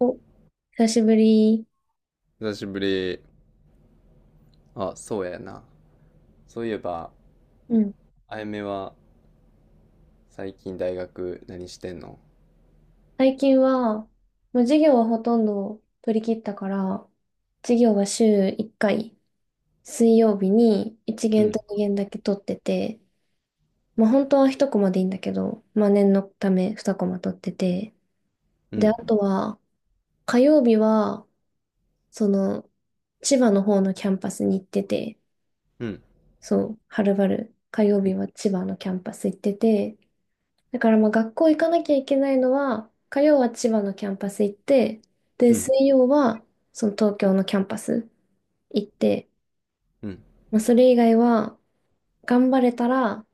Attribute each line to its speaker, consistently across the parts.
Speaker 1: お、久しぶり。
Speaker 2: 久しぶり。あ、そうやな。そういえば、
Speaker 1: うん。
Speaker 2: あやめは最近大学何してんの？
Speaker 1: 最近は、もう授業はほとんど取り切ったから、授業は週1回、水曜日に1
Speaker 2: う
Speaker 1: 限
Speaker 2: ん、
Speaker 1: と2限だけ取ってて、まあ本当は1コマでいいんだけど、まあ念のため2コマ取ってて、
Speaker 2: う
Speaker 1: で、あ
Speaker 2: ん、
Speaker 1: とは、火曜日は、その、千葉の方のキャンパスに行ってて、
Speaker 2: うん、
Speaker 1: そう、はるばる、火曜日は千葉のキャンパス行ってて、だからまあ学校行かなきゃいけないのは、火曜は千葉のキャンパス行って、で、
Speaker 2: うん、
Speaker 1: 水曜はその東京のキャンパス行って、
Speaker 2: うん。
Speaker 1: まあ、それ以外は頑張れたら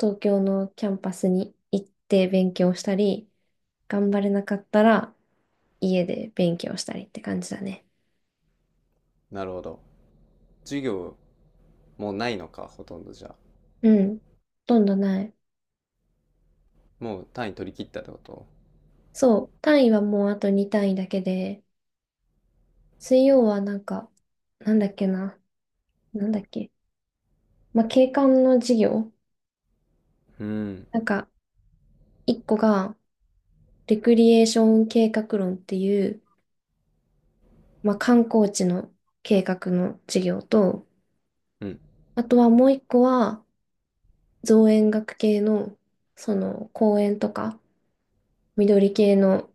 Speaker 1: 東京のキャンパスに行って勉強したり、頑張れなかったら家で勉強したりって感じだね。
Speaker 2: なるほど。授業もうないのか、ほとんどじゃあ。
Speaker 1: うん。ほとんどない。
Speaker 2: もう単位取り切ったってこと？
Speaker 1: そう。単位はもうあと2単位だけで、水曜はなんだっけな。なんだっけ。まあ、景観の授業。
Speaker 2: うん、
Speaker 1: なんか、一個が、レクリエーション計画論っていう、まあ、観光地の計画の事業と、
Speaker 2: うん、うん、
Speaker 1: あとはもう一個は、造園学系の、公園とか、緑系の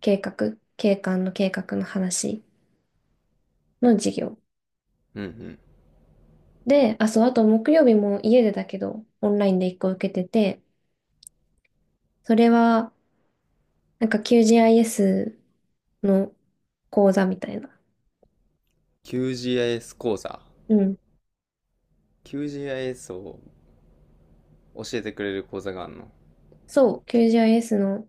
Speaker 1: 計画、景観の計画の話の事業。
Speaker 2: うん。
Speaker 1: で、あ、そう、あと木曜日も家でだけど、オンラインで一個受けてて、それは、なんか QGIS の講座みたいな。
Speaker 2: QGIS 講座。
Speaker 1: うん。
Speaker 2: QGIS を教えてくれる講座があんの？
Speaker 1: そう、QGIS の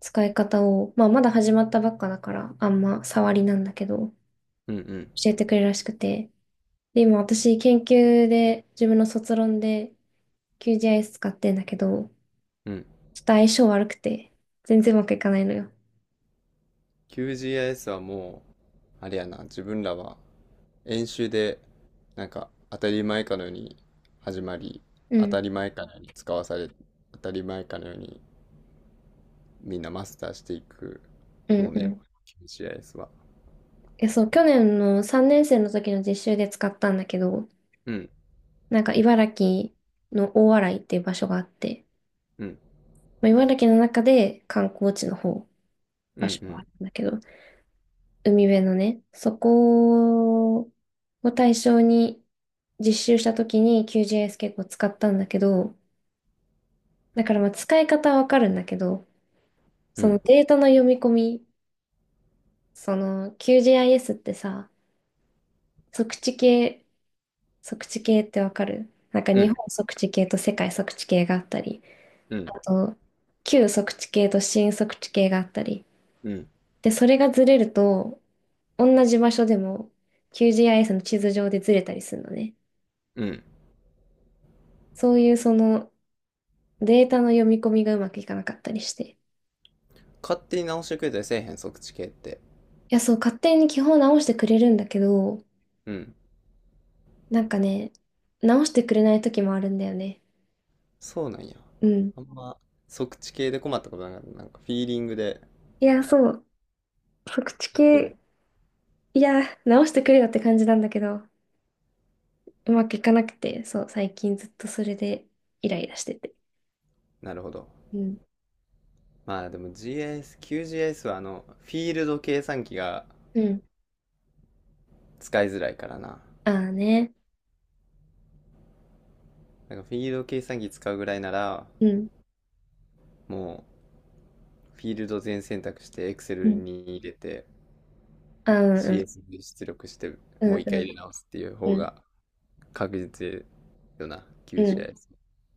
Speaker 1: 使い方を、まあ、まだ始まったばっかだから、あんま触りなんだけど、
Speaker 2: うん、うん、
Speaker 1: 教えてくれるらしくて。で、今私、研究で、自分の卒論で QGIS 使ってんだけど、
Speaker 2: うん。
Speaker 1: ちょっと相性悪くて、全然うまくいかないのよ。
Speaker 2: QGIS はもう、あれやな、自分らは演習でなんか当たり前かのように始まり、
Speaker 1: う
Speaker 2: 当
Speaker 1: ん、
Speaker 2: たり前かのように使わされ、当たり前かのようにみんなマスターしていく
Speaker 1: うん、
Speaker 2: もの
Speaker 1: う
Speaker 2: やわ、
Speaker 1: ん。
Speaker 2: QGIS は。
Speaker 1: え、そう、去年の3年生の時の実習で使ったんだけど、
Speaker 2: うん
Speaker 1: なんか茨城の大洗っていう場所があって、
Speaker 2: うん
Speaker 1: まあ、茨城の中で観光地の方、
Speaker 2: う
Speaker 1: 場
Speaker 2: ん
Speaker 1: 所
Speaker 2: う
Speaker 1: がある
Speaker 2: ん
Speaker 1: んだけど、海辺のね、そこを対象に実習した時に QGIS 結構使ったんだけど、だからまあ使い方はわかるんだけど、
Speaker 2: う
Speaker 1: その
Speaker 2: ん
Speaker 1: データの読み込み、その QGIS ってさ、測地系、測地系ってわかるなんか
Speaker 2: う
Speaker 1: 日
Speaker 2: ん
Speaker 1: 本測地系と世界測地系があったり、
Speaker 2: うん
Speaker 1: あと旧測地系と新測地系があったり。
Speaker 2: うん
Speaker 1: で、それがずれると、同じ場所でも QGIS の地図上でずれたりするのね。
Speaker 2: うん。
Speaker 1: そういうそのデータの読み込みがうまくいかなかったりして。い
Speaker 2: 勝手に直してくれたりせえへん？測地系って。
Speaker 1: や、そう、勝手に基本直してくれるんだけど、
Speaker 2: うん。
Speaker 1: なんかね、直してくれない時もあるんだよね。
Speaker 2: そうなんや。
Speaker 1: うん。
Speaker 2: あんま測地系で困ったことなかった、なんかフィーリングで。
Speaker 1: いや、そう、測知系、いや、直してくれよって感じなんだけど、うまくいかなくて、そう、最近ずっとそれでイライラしてて。
Speaker 2: なるほど。
Speaker 1: うん。
Speaker 2: まあでも、 QGIS はフィールド計算機が
Speaker 1: うん。
Speaker 2: 使いづらいからな。
Speaker 1: ああね。
Speaker 2: なんかフィールド計算機使うぐらいなら、
Speaker 1: うん。
Speaker 2: もうフィールド全選択して
Speaker 1: う
Speaker 2: Excel
Speaker 1: ん。
Speaker 2: に入れて
Speaker 1: ああ、うんうん。
Speaker 2: CS に出力して
Speaker 1: う
Speaker 2: もう
Speaker 1: ん
Speaker 2: 一回
Speaker 1: う
Speaker 2: 入
Speaker 1: ん。
Speaker 2: れ直すっていう方が確実よな、
Speaker 1: うんうん。
Speaker 2: QGIS。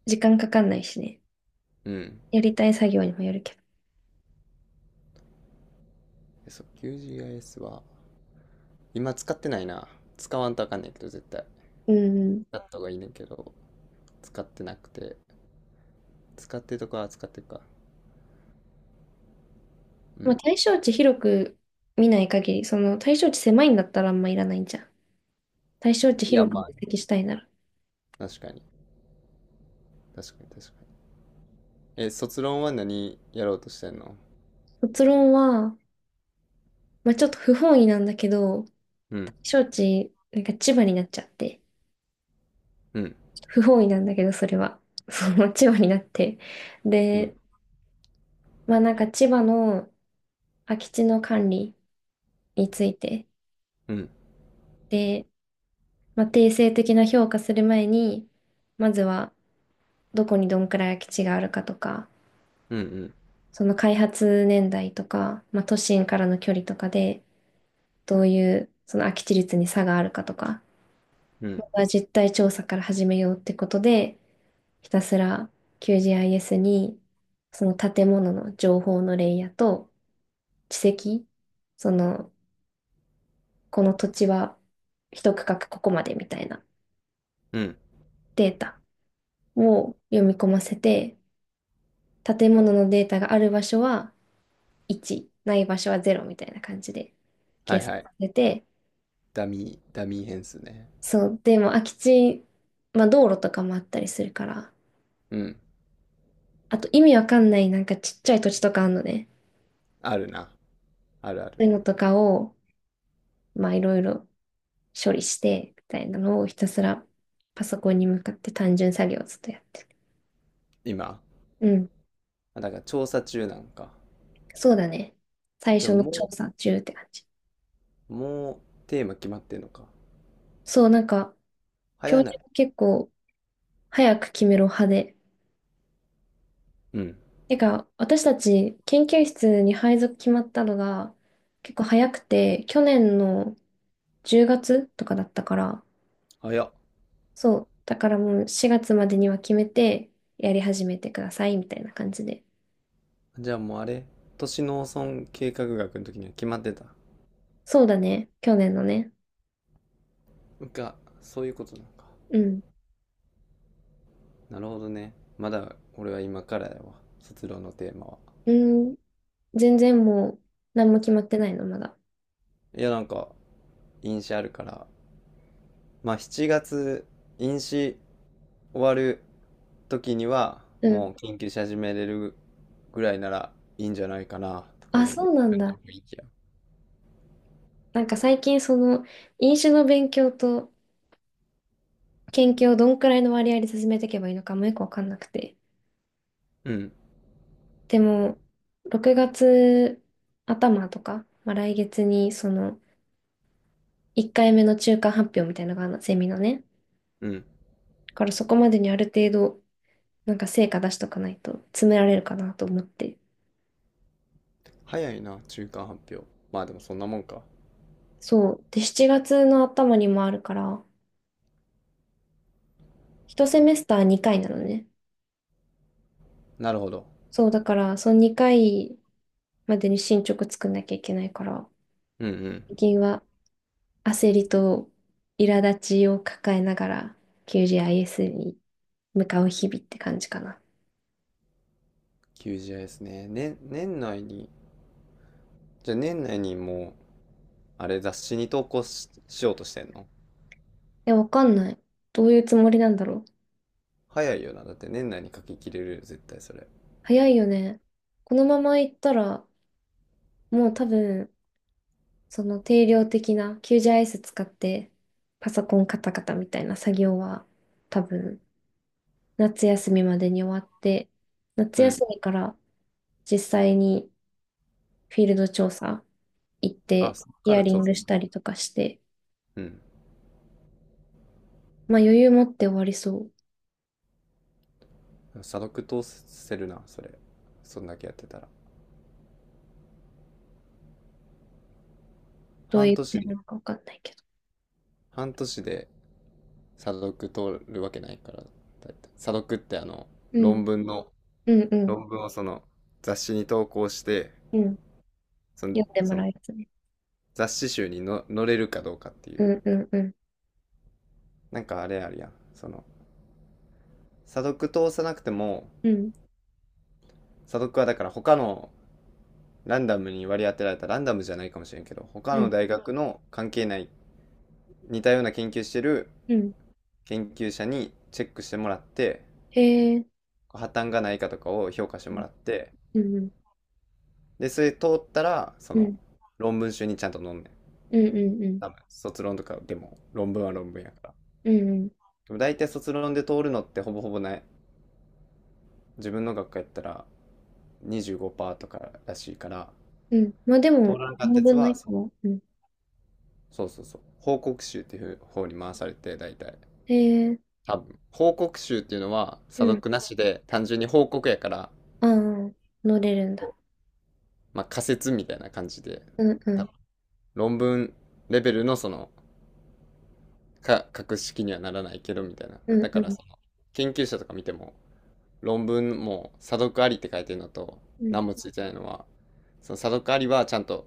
Speaker 1: 時間かかんないしね。
Speaker 2: うん。
Speaker 1: やりたい作業にもよるけど。
Speaker 2: そう、QGIS は今使ってないな。使わんとあかんねんけど、絶対。
Speaker 1: うんうん。
Speaker 2: 使った方がいいねんけど、使ってなくて。使ってるとこは使ってるか。う
Speaker 1: まあ、
Speaker 2: ん。
Speaker 1: 対象値広く見ない限り、その対象値狭いんだったらあんまいらないんじゃん。対象値
Speaker 2: いや、
Speaker 1: 広く分
Speaker 2: ま
Speaker 1: 析したいなら。
Speaker 2: あ、確かに。確かに、確かに。え、卒論は何やろうとしてんの？
Speaker 1: 卒論は、まあ、ちょっと不本意なんだけど、
Speaker 2: う
Speaker 1: 対
Speaker 2: ん、
Speaker 1: 象値、なんか千葉になっちゃって、
Speaker 2: うん、
Speaker 1: 不本意なんだけど、それは。その千葉になって。
Speaker 2: うん。
Speaker 1: で、まあなんか千葉の空き地の管理について、
Speaker 2: うん。
Speaker 1: で、まあ、定性的な評価する前に、まずはどこにどんくらい空き地があるかとか、
Speaker 2: うん
Speaker 1: その開発年代とか、まあ、都心からの距離とかで、どういうその空き地率に差があるかとか、
Speaker 2: うんうん
Speaker 1: また実態調査から始めようってことで、ひたすら QGIS にその建物の情報のレイヤーと地籍、その、この土地は一区画ここまでみたいな
Speaker 2: うん。
Speaker 1: データを読み込ませて、建物のデータがある場所は1、ない場所は0みたいな感じで
Speaker 2: は
Speaker 1: 計
Speaker 2: い
Speaker 1: 算さ
Speaker 2: はい。
Speaker 1: れて、
Speaker 2: ダミー変数ね。
Speaker 1: そう、でも空き地、まあ道路とかもあったりするから、
Speaker 2: うん。
Speaker 1: あと意味わかんないなんかちっちゃい土地とかあるのね。
Speaker 2: あるな。あるある。
Speaker 1: そういうのとかを、まあいろいろ処理して、みたいなのをひたすらパソコンに向かって単純作業をずっとやってる。
Speaker 2: 今。
Speaker 1: うん、
Speaker 2: あ、だから調査中なんか。
Speaker 1: そうだね。最
Speaker 2: で
Speaker 1: 初
Speaker 2: も
Speaker 1: の調
Speaker 2: も
Speaker 1: 査中って感じ。
Speaker 2: う、もうテーマ決まってんのか。
Speaker 1: そう、なんか教
Speaker 2: 早な
Speaker 1: 授
Speaker 2: い？
Speaker 1: が結構早く決めろ派で。
Speaker 2: うん。
Speaker 1: てか、私たち研究室に配属決まったのが結構早くて、去年の10月とかだったから、
Speaker 2: 早っ。
Speaker 1: そう。だからもう4月までには決めて、やり始めてください、みたいな感じで。
Speaker 2: じゃあもうあれ、都市農村計画学の時には決まってた？
Speaker 1: そうだね。去年のね。
Speaker 2: が、そういうことなのか。
Speaker 1: うん。
Speaker 2: なるほどね。まだ俺は今からやわ、卒論のテーマは。
Speaker 1: うん。全然もう、何も決まってないの、まだ。
Speaker 2: いやなんか、印象あるから、まあ7月飲酒終わる時には
Speaker 1: うん。
Speaker 2: もう研究し始めれるぐらいならいいんじゃないかなとか
Speaker 1: あ、
Speaker 2: い
Speaker 1: そ
Speaker 2: う
Speaker 1: うなん
Speaker 2: 感じ
Speaker 1: だ。
Speaker 2: の雰囲気や。
Speaker 1: なんか最近、飲酒の勉強と研究をどんくらいの割合で進めていけばいいのかもよくわかんなくて。
Speaker 2: うん、
Speaker 1: でも、6月頭とか、まあ、来月に、1回目の中間発表みたいなのがあるの、セミのね。
Speaker 2: うん。
Speaker 1: だからそこまでにある程度、なんか成果出しとかないと詰められるかなと思って。
Speaker 2: 早いな、中間発表。まあでもそんなもんか。
Speaker 1: そう。で、7月の頭にもあるから、1セメスター2回なのね。
Speaker 2: なるほど。
Speaker 1: そう、だから、その2回までに進捗作んなきゃいけないから、
Speaker 2: うんうん。
Speaker 1: 最近は焦りと苛立ちを抱えながら QGIS に向かう日々って感じかな。
Speaker 2: QGIS ね。ね、年内に、じゃあ年内にもう、あれ雑誌に投稿しようとしてんの？
Speaker 1: いや、わかんない。どういうつもりなんだろう。
Speaker 2: 早いよな。だって年内に書き切れるよ、絶対それ。
Speaker 1: 早いよね。このまま行ったら、もう多分、その定量的な90アイエス使ってパソコンカタカタみたいな作業は多分夏休みまでに終わって、夏
Speaker 2: うん。
Speaker 1: 休みから実際にフィールド調査行っ
Speaker 2: あ、
Speaker 1: て
Speaker 2: そっ
Speaker 1: ヒ
Speaker 2: か
Speaker 1: ア
Speaker 2: ら
Speaker 1: リ
Speaker 2: 調
Speaker 1: ング
Speaker 2: 査
Speaker 1: し
Speaker 2: する？
Speaker 1: たりとかして、
Speaker 2: うん。
Speaker 1: まあ余裕持って終わりそう。
Speaker 2: 査読通せるな、それ。そんだけやってたら。
Speaker 1: どうい
Speaker 2: 半
Speaker 1: う
Speaker 2: 年
Speaker 1: 点
Speaker 2: で、
Speaker 1: なのかわかんないけど。
Speaker 2: 半年で査読通るわけないから、だいたい。査読って
Speaker 1: うん、
Speaker 2: 論文の、
Speaker 1: うん、うん、
Speaker 2: 論文をその雑誌に投稿して、
Speaker 1: うん。
Speaker 2: その、
Speaker 1: 読んでも
Speaker 2: そ
Speaker 1: ら
Speaker 2: の
Speaker 1: えますね。
Speaker 2: 雑誌集にの載れるかどうかってい
Speaker 1: う
Speaker 2: う。
Speaker 1: ん、うん、うん、
Speaker 2: なんかあれあるやん。その、査読通さなくても、
Speaker 1: うん、
Speaker 2: 査読はだから他のランダムに割り当てられた、ランダムじゃないかもしれんけど、他
Speaker 1: う
Speaker 2: の
Speaker 1: ん、
Speaker 2: 大学の関係ない似たような研究してる
Speaker 1: うん。
Speaker 2: 研究者にチェックしてもらって、
Speaker 1: へえ、
Speaker 2: 破綻がないかとかを評価してもらって、
Speaker 1: うん、うん、
Speaker 2: で、それ通ったら、そ
Speaker 1: う
Speaker 2: の、
Speaker 1: ん、
Speaker 2: 論文集にちゃんと載んねん。
Speaker 1: うん、うん、
Speaker 2: 多分、卒論とかでも、論文は論文やから。
Speaker 1: うん、うん。
Speaker 2: でも大体卒論で通るのってほぼほぼない。自分の学科やったら25%とからしいから、
Speaker 1: うんまあで
Speaker 2: 通
Speaker 1: も、
Speaker 2: らなかっ
Speaker 1: 7
Speaker 2: たやつ
Speaker 1: 分の
Speaker 2: は、
Speaker 1: 1
Speaker 2: そう
Speaker 1: も。うん
Speaker 2: そうそうそう、報告集っていう方に回されて、大体。
Speaker 1: へえ、
Speaker 2: 多分。報告集っていうのは、
Speaker 1: う
Speaker 2: 査
Speaker 1: ん。
Speaker 2: 読なしで、単純に報告やから、
Speaker 1: ああ、乗れるんだ。
Speaker 2: まあ仮説みたいな感じで、
Speaker 1: うんう
Speaker 2: 多
Speaker 1: ん、
Speaker 2: 分論文レベルのそのか、格式にはならないけど、みたいな。
Speaker 1: うん
Speaker 2: だ
Speaker 1: う
Speaker 2: から、
Speaker 1: ん、
Speaker 2: その、研究者とか見ても、論文も、査読ありって書いてるのと、
Speaker 1: うん、
Speaker 2: 何もついてないのは、その査読ありはちゃんと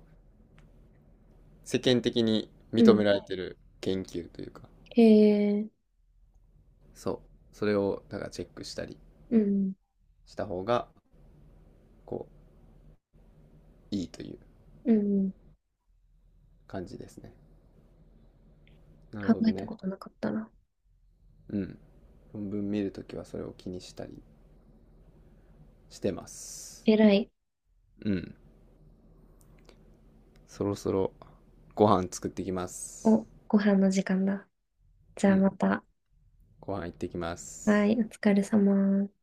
Speaker 2: 世間的に
Speaker 1: う
Speaker 2: 認
Speaker 1: ん。
Speaker 2: められてる研究というか、
Speaker 1: へえ、
Speaker 2: そう、それを、だからチェックしたり
Speaker 1: うん、
Speaker 2: した方が、こう、いいという
Speaker 1: うん。
Speaker 2: 感じですね。なる
Speaker 1: 考
Speaker 2: ほど
Speaker 1: えた
Speaker 2: ね。
Speaker 1: ことなかったな。
Speaker 2: うん。論文見るときはそれを気にしたりしてます。
Speaker 1: えらい。
Speaker 2: うん。そろそろご飯作ってきます。
Speaker 1: お、ご飯の時間だ。じゃ
Speaker 2: う
Speaker 1: あ
Speaker 2: ん。
Speaker 1: また。
Speaker 2: ご飯行ってきま
Speaker 1: は
Speaker 2: す。
Speaker 1: い、お疲れ様。